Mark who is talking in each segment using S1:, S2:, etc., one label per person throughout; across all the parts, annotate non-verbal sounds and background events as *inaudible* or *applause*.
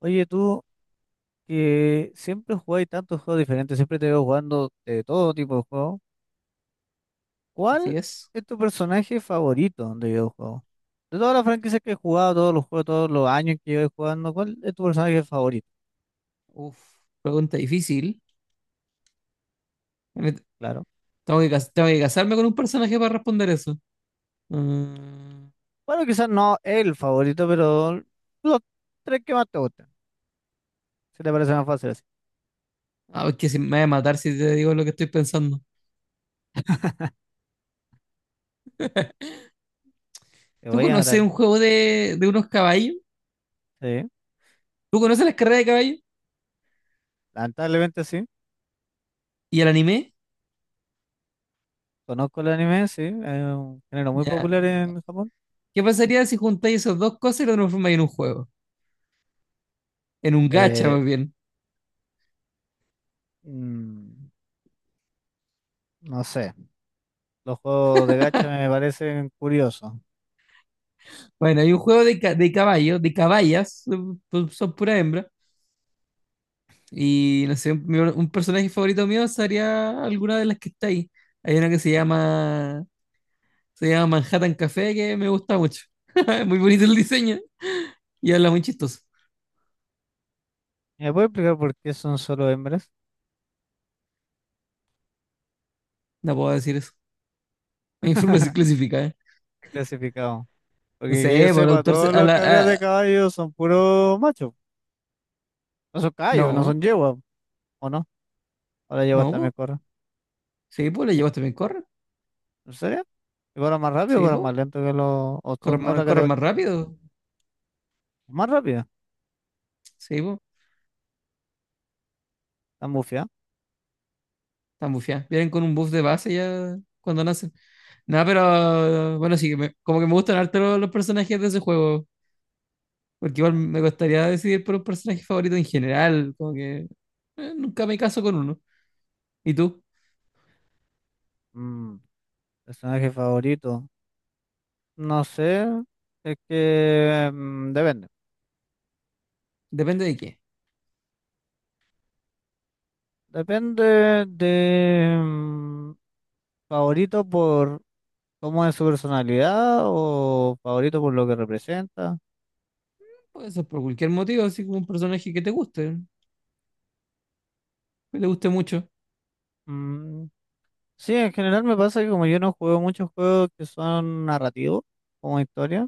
S1: Oye, tú que siempre jugáis tantos juegos diferentes, siempre te veo jugando de todo tipo de juegos. ¿Cuál
S2: Así es.
S1: es tu personaje favorito de videojuegos? De todas las franquicias que he jugado, todos los juegos, todos los años que llevo jugando, ¿cuál es tu personaje favorito?
S2: Uf, pregunta difícil. Me-
S1: Claro.
S2: tengo que casarme con un personaje para responder eso. Mm,
S1: Bueno, quizás no el favorito, pero los tres que más te gustan. Si te parece más fácil así.
S2: es que si me voy a matar si te digo lo que estoy pensando.
S1: Te
S2: ¿Tú
S1: voy a matar.
S2: conoces un juego de unos caballos?
S1: Sí.
S2: ¿Tú conoces las carreras de caballos?
S1: Lamentablemente sí.
S2: ¿Y el anime?
S1: Conozco el anime, sí. Es un género muy
S2: Ya.
S1: popular en Japón.
S2: ¿Qué pasaría si juntáis esas dos cosas y lo transformáis en un juego? En un gacha,
S1: Eh,
S2: más bien.
S1: mm, no sé. Los juegos de gacha me parecen curiosos.
S2: Bueno, hay un juego de, de caballos, de caballas, son, son pura hembra. Y no sé, un personaje favorito mío sería alguna de las que está ahí. Hay una que se llama Manhattan Café que me gusta mucho. *laughs* Muy bonito el diseño y habla muy chistoso.
S1: ¿Me puede explicar por qué son solo hembras
S2: No puedo decir eso. *laughs* Me información clasificada. ¿Eh?
S1: clasificados?
S2: No
S1: Porque que yo
S2: sé, por el
S1: sepa,
S2: autor
S1: todas
S2: a
S1: las
S2: la,
S1: carreras de
S2: a-
S1: caballos son puros machos. No son caballos, no son
S2: no,
S1: yeguas, ¿o no? Ahora yeguas
S2: no,
S1: también
S2: po.
S1: corren.
S2: Sí, pues le llevas también corre.
S1: ¿En serio? ¿Y corren más rápido o
S2: Sí,
S1: corren
S2: pues.
S1: más lento que los, o
S2: Corren
S1: son
S2: más,
S1: otra
S2: corren
S1: categoría?
S2: más rápido.
S1: Más rápida,
S2: Sí, pues.
S1: están bufiadas.
S2: Están bufiadas. Vienen con un buff de base ya cuando nacen. Nada, pero bueno, sí, como que me gustan harto los personajes de ese juego. Porque igual
S1: Ya.
S2: me gustaría decidir por un personaje favorito en general, como que nunca me caso con uno. ¿Y tú?
S1: Mm, Personaje favorito. No sé, es que depende.
S2: Depende de qué.
S1: Depende de favorito por. ¿Cómo es su personalidad o favorito por lo que representa?
S2: Puede ser por cualquier motivo, así como un personaje que te guste mucho.
S1: Mm, sí, en general me pasa que como yo no juego muchos juegos que son narrativos, como historia,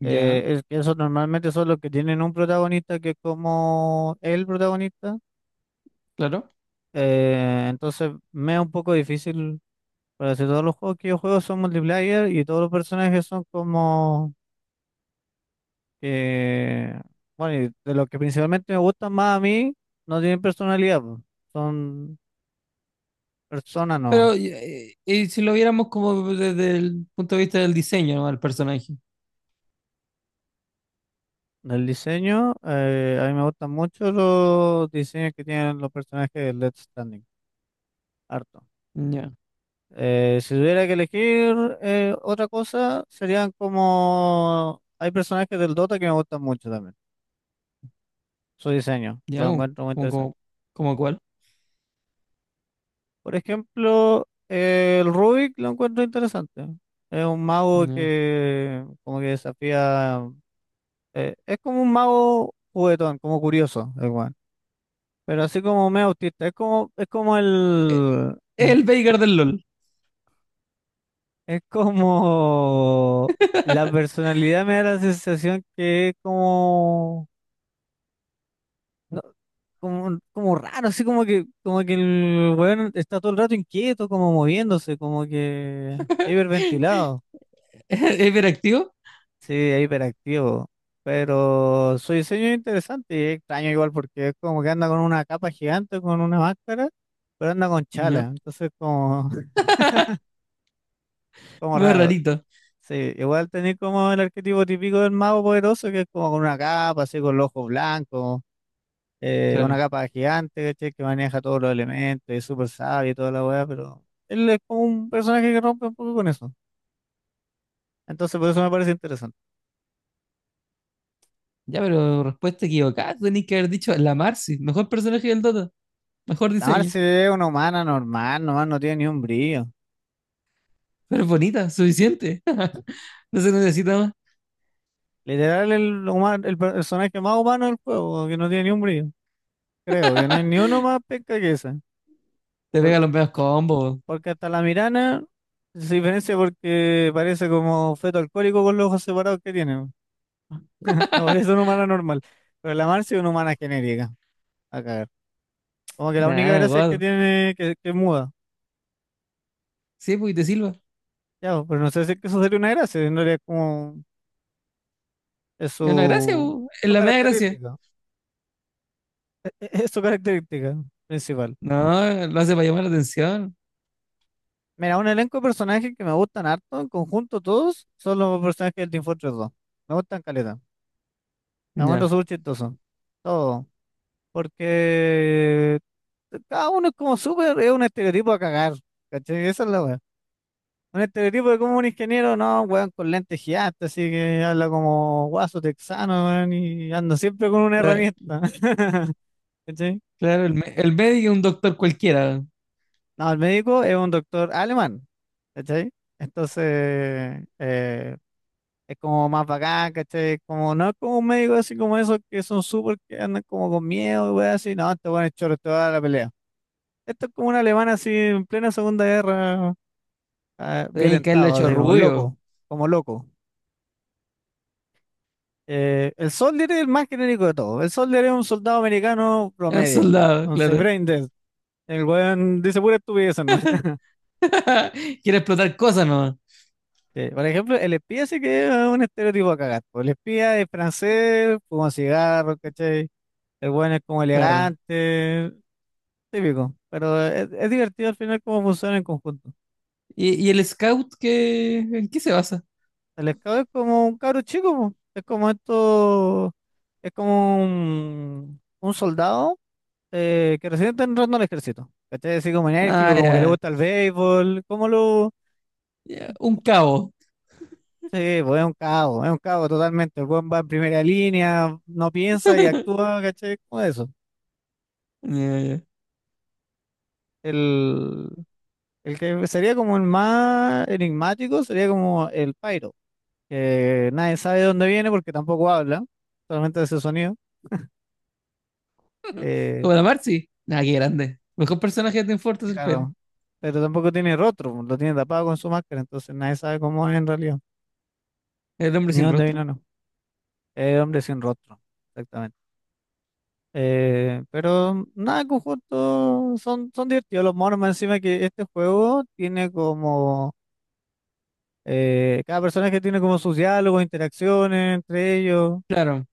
S2: Ya,
S1: es que esos normalmente son los que tienen un protagonista que es como el protagonista,
S2: claro.
S1: entonces me es un poco difícil, para decir, todos los juegos que yo juego son multiplayer y todos los personajes son como que, bueno, y de los que principalmente me gustan más a mí, no tienen personalidad, po, son personas.
S2: Pero y si lo viéramos como desde el punto de vista del diseño, ¿no? Del personaje.
S1: Del diseño, a mí me gustan mucho los diseños que tienen los personajes de Let's Standing, harto.
S2: Ya,
S1: Si tuviera que elegir otra cosa, serían como. Hay personajes del Dota que me gustan mucho también, su diseño,
S2: ya,
S1: lo encuentro muy
S2: como,
S1: interesante.
S2: como, como cuál.
S1: Por ejemplo, el Rubik lo encuentro interesante. Es un mago
S2: Ya.
S1: que como que desafía. Es como un mago juguetón, como curioso, igual. Pero así como medio autista, es como, el. *laughs*
S2: El Veigar del LOL.
S1: Es como la personalidad me da la sensación que es como, no, como raro, así como que el weón está todo el rato inquieto, como moviéndose, como que hiperventilado,
S2: *laughs* ¿Es hiperactivo?
S1: sí, hiperactivo. Pero su diseño es interesante y es extraño igual porque es como que anda con una capa gigante, con una máscara, pero anda con chala,
S2: No.
S1: entonces como, *laughs* como
S2: Muy
S1: raro.
S2: rarito.
S1: Sí, igual tenés como el arquetipo típico del mago poderoso, que es como con una capa, así con los ojos blancos, una
S2: Claro.
S1: capa gigante, ¿cachai? Que maneja todos los elementos, es súper sabio y toda la weá, pero él es como un personaje que rompe un poco con eso. Entonces, por eso me parece interesante.
S2: Ya, pero respuesta equivocada. Tenéis que haber dicho la Marcy, mejor personaje del Dota. Mejor
S1: La
S2: diseño.
S1: Marce es una humana normal, nomás no tiene ni un brillo.
S2: Pero es bonita, suficiente. *laughs* No se necesita más.
S1: Literal, el personaje más humano del juego, que no tiene ni un brillo. Creo que no hay ni uno más penca que ese.
S2: Te pega los medios combos.
S1: Porque hasta la Mirana se diferencia porque parece como feto alcohólico con los ojos separados que tiene, weón. *laughs* No parece una humana normal. Pero la Marcia es una humana genérica. A cagar. Como que la única
S2: Nada,
S1: gracia es que
S2: guado.
S1: tiene, que es muda.
S2: Sí, pues y te silba.
S1: Ya, pues, pero no sé si es que eso sería una gracia. En realidad es como, es
S2: Es una gracia,
S1: su,
S2: po. Es
S1: su
S2: la media gracia.
S1: característica. Es su característica principal.
S2: No, lo hace para llamar la atención.
S1: Mira, un elenco de personajes que me gustan harto, en conjunto todos, son los personajes del Team Fortress 2. Me gustan caleta. La encuentro
S2: Ya.
S1: súper chistoso. Todo. Porque cada uno es como súper, es un estereotipo a cagar, ¿cachai? Esa es la weá. Un estereotipo de como un ingeniero, no, weón, con lentes gigantes, así que habla como guaso texano, weón, y anda siempre con una
S2: Cla-
S1: herramienta, *laughs* ¿cachai?
S2: Claro, el médico es un doctor cualquiera.
S1: No, el médico es un doctor alemán, ¿cachai? Entonces, es como más bacán, ¿cachai? Como, no es como un médico así como esos que son súper, que andan como con miedo, weón, así, no, este weón es choro, te va a dar la pelea. Esto es como un alemán así en plena Segunda Guerra
S2: Tiene que haberle
S1: violentado,
S2: hecho
S1: así como
S2: rubio.
S1: loco, como loco. El Soldier es el más genérico de todos. El Soldier es un soldado americano
S2: Es un
S1: promedio.
S2: soldado,
S1: Entonces,
S2: claro.
S1: Braindead, el weón dice pura estupidez, ¿no? *laughs*
S2: Quiere explotar cosas nomás.
S1: Sí, por ejemplo, el espía sí que es un estereotipo a cagar. Po. El espía es francés, fuma cigarro, ¿cachai? El weón es como
S2: Claro.
S1: elegante, típico. Pero es divertido al final cómo funciona en conjunto.
S2: Y el scout qué, en qué se basa?
S1: El scout es como un cabro chico, po. Es como esto, es como un soldado que recién está entrando al ejército, ¿cachai? Así como
S2: Ah,
S1: enérgico, como que le
S2: ya.
S1: gusta el béisbol, como lo.
S2: Ya, un cabo.
S1: Sí, pues es un cabo totalmente, el buen va en primera línea, no piensa y actúa, ¿cachai? Como eso.
S2: Ya, ya.
S1: El, el que sería como el más enigmático sería como el Pyro, que nadie sabe de dónde viene porque tampoco habla, solamente de ese sonido. Eh,
S2: Como la Marcy. Ah, qué grande. Mejor personaje de Team Fortress, el.
S1: claro, pero tampoco tiene rostro, lo tiene tapado con su máscara, entonces nadie sabe cómo es en realidad,
S2: El hombre
S1: ni
S2: sin
S1: dónde
S2: rostro.
S1: vino, no. Es hombre sin rostro. Exactamente. Pero nada, en conjunto son, son divertidos los monos, más encima que este juego tiene como, cada personaje tiene como sus diálogos, interacciones entre ellos,
S2: Claro.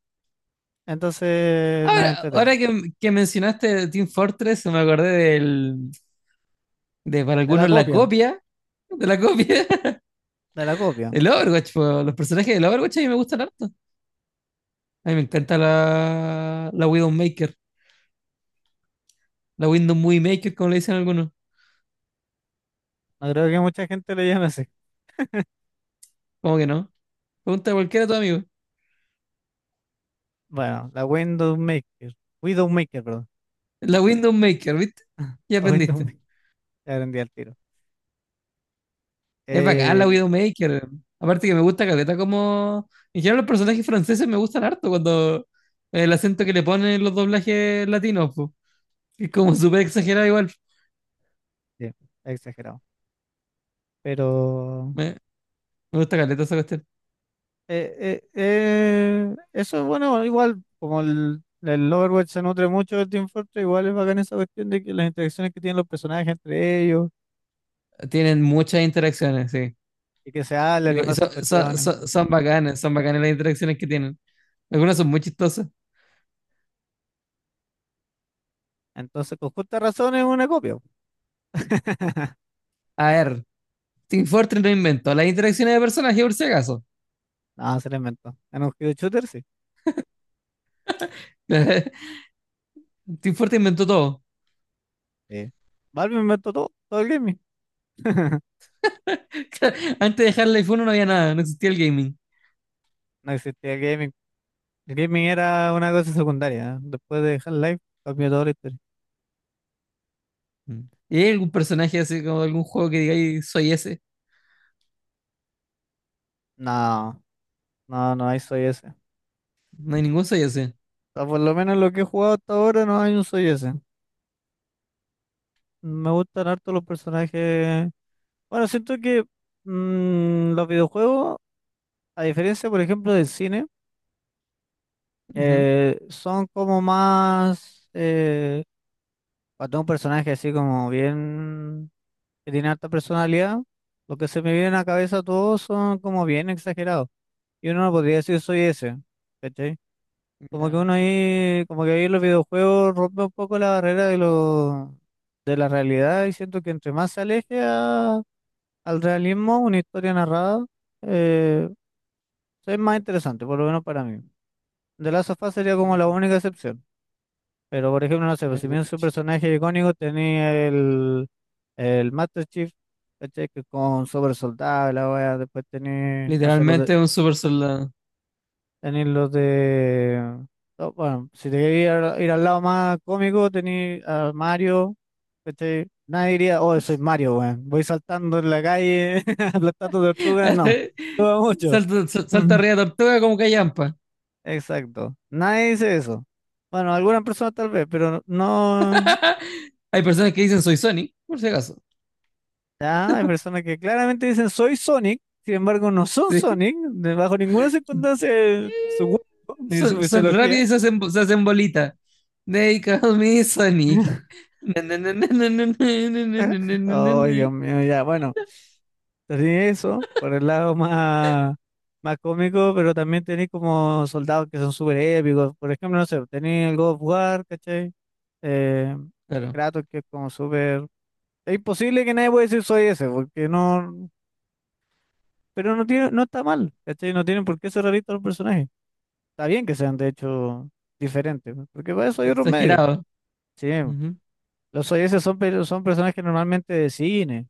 S1: entonces nada,
S2: Ahora,
S1: entretenido.
S2: ahora que mencionaste Team Fortress, me acordé de para
S1: De la
S2: algunos la
S1: copia,
S2: copia, de la copia,
S1: de la
S2: *laughs*
S1: copia.
S2: el Overwatch, po. Los personajes del Overwatch a mí me gustan harto. A mí me encanta la Widowmaker, la Window Movie Maker, como le dicen algunos.
S1: No creo que mucha gente lo llame así.
S2: ¿Cómo que no? Pregunta a cualquiera de tus amigos.
S1: Bueno, la Widowmaker, Widowmaker, perdón,
S2: La Widowmaker, ¿viste? Ya
S1: la
S2: aprendiste.
S1: Widowmaker, *laughs* ya aprendí al tiro.
S2: Es bacán la
S1: Eh,
S2: Widowmaker. Aparte que me gusta Caleta como... En general los personajes franceses me gustan harto cuando el acento que le ponen los doblajes latinos, po. Es como súper exagerado igual.
S1: sí, exagerado, pero.
S2: Me, me gusta caleta esa cuestión.
S1: Eso es bueno, igual como el Overwatch se nutre mucho del Team Fortress, igual es bacán esa cuestión de que las interacciones que tienen los personajes entre ellos
S2: Tienen muchas interacciones, sí.
S1: y que se hablan y
S2: Y
S1: pasan
S2: son, son,
S1: cuestiones.
S2: son- son bacanas, son bacanas las interacciones que tienen. Algunas son muy chistosas.
S1: Entonces, con justa razón es una copia. *laughs*
S2: A ver, Team Fortress no inventó las interacciones de personajes por si acaso.
S1: Po. No, se la inventó. En un hero shooter, sí.
S2: *laughs* Team Fortress inventó todo.
S1: Sí. Valve inventó todo, todo el gaming. *laughs*
S2: *laughs* Antes de dejar el uno no había nada, no existía el gaming.
S1: No existía el gaming. El gaming era una cosa secundaria. ¿Eh? Después de Half-Life, cambió toda la historia.
S2: Mm. ¿Y hay algún personaje así como de algún juego que diga, "Ay, soy ese"?
S1: No, no, no hay soy ese. O
S2: No hay ningún soy ese.
S1: sea, por lo menos lo que he jugado hasta ahora no hay un soy ese. Me gustan harto los personajes. Bueno, siento que los videojuegos, a diferencia, por ejemplo, del cine,
S2: Ujú.
S1: son como más. Cuando un personaje así como bien, que tiene alta personalidad, lo que se me viene a la cabeza todos son como bien exagerados. Y uno no podría decir soy ese, ¿cachai? Como que
S2: Ya,
S1: uno ahí, como que ahí los videojuegos rompe un poco la barrera de lo, de la realidad y siento que entre más se aleje a al realismo, una historia narrada eh, es más interesante, por lo menos para mí. The Last of Us sería como la
S2: ok.
S1: única excepción. Pero, por ejemplo, no sé,
S2: Ya,
S1: pues,
S2: es
S1: si
S2: de
S1: bien su
S2: hecho.
S1: personaje icónico tenía el, Master Chief, ¿cachai? Que con super soldado, la wea, después tenía, no sé,
S2: Literalmente es un super soldado.
S1: tenía los de. No, bueno, si te querías ir al lado más cómico, tenía a Mario, ¿cachai? Nadie diría, oh, soy Mario, weón, voy saltando en la calle, *laughs* aplastando tortugas, no, todo
S2: *laughs*
S1: mucho.
S2: Salta, salta arriba de tortuga como callampa.
S1: Exacto. Nadie dice eso. Bueno, algunas personas tal vez, pero no.
S2: Hay personas que dicen soy Sonic, por si acaso.
S1: Ya, hay personas que claramente dicen soy Sonic, sin embargo no son
S2: Sí.
S1: Sonic, bajo ninguna circunstancia su cuerpo ni su
S2: Son
S1: fisiología.
S2: rápidos y se hacen bolita. They call me Sonic.
S1: *laughs*
S2: Na, na, na, na, na, na, na, na, na, na, na, na,
S1: Ay,
S2: na.
S1: Dios mío, ya, bueno, tenía eso por el lado más, más cómico, pero también tenéis como soldados que son súper épicos. Por ejemplo, no sé, tenéis el God of War, ¿cachai? Eh,
S2: Claro,
S1: Kratos, que es como súper. Es imposible que nadie pueda decir soy ese, porque no. Pero no tiene, no está mal, ¿cachai? No tienen por qué ser realistas los personajes. Está bien que sean, de hecho, diferentes, ¿no? Porque para eso hay otros medios.
S2: exagerado.
S1: Sí,
S2: Ujú.
S1: los soy ese son, son personajes normalmente de cine.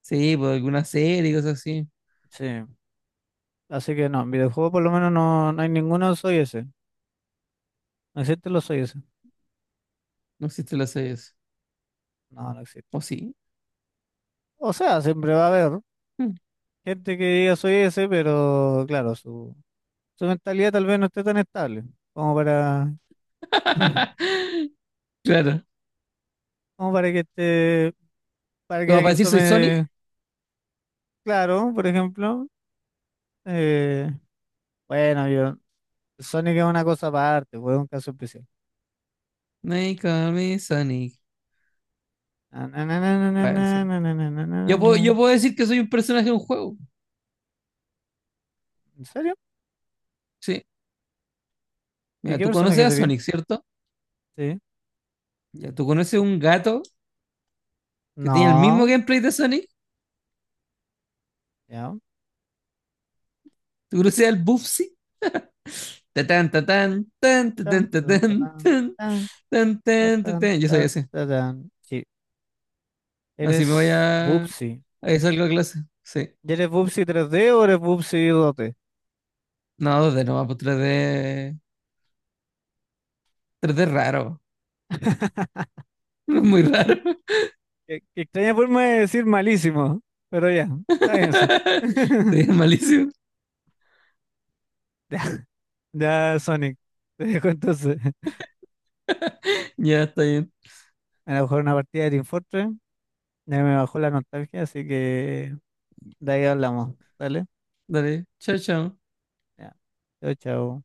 S2: Sí, por alguna serie y cosas así.
S1: Sí. Así que no, en videojuegos por lo menos no, no hay ninguno soy ese. ¿No existen los soy ese?
S2: No existe las series.
S1: No, no existe.
S2: ¿O sí?
S1: O sea, siempre va a haber
S2: Mm.
S1: gente que diga soy ese, pero claro, su, mentalidad tal vez no esté tan estable como para, *laughs*
S2: *laughs* Claro.
S1: como para que esté, para que
S2: Como para
S1: alguien
S2: decir soy Sonic.
S1: tome. Claro, por ejemplo, eh, bueno, yo, Sonic es una cosa aparte, fue un caso especial.
S2: They call me Sonic.
S1: Na, na, na, na, na,
S2: Bueno,
S1: na,
S2: sí.
S1: na, na, na, na, na, na,
S2: yo
S1: na.
S2: puedo, yo puedo decir que soy un personaje de un juego.
S1: ¿En serio?
S2: Sí.
S1: ¿Y
S2: Mira,
S1: qué
S2: tú conoces
S1: personaje
S2: a
S1: sería?
S2: Sonic, ¿cierto?
S1: Sí.
S2: Ya, tú conoces un gato que tiene el mismo
S1: No,
S2: gameplay de Sonic.
S1: ya.
S2: Tú conoces al Bubsy.
S1: Tan,
S2: Tatán,
S1: tan, tan
S2: tatán, tan,
S1: tan,
S2: tan, tan,
S1: tan,
S2: tatán. Yo
S1: ta,
S2: soy ese.
S1: ta, tan. Sí,
S2: Así me voy
S1: eres
S2: a.
S1: Bubsy.
S2: Ahí salgo a clase. Sí.
S1: ¿Y eres Bubsy 3D o eres Bubsy 2D?
S2: No, 2D no, pues 3D. 3D raro.
S1: *laughs*
S2: *laughs* Muy raro.
S1: Qué, qué extraña forma de decir malísimo, pero ya, táguense. *laughs*
S2: Sí, malísimo.
S1: Ya, Sonic, te dejo entonces.
S2: Ya, está bien.
S1: Me la bajó una partida de Team Fortress, ya me bajó la nostalgia, así que de ahí hablamos, ¿vale?
S2: Dale. Chao, chao.
S1: Ya. Chao, chao.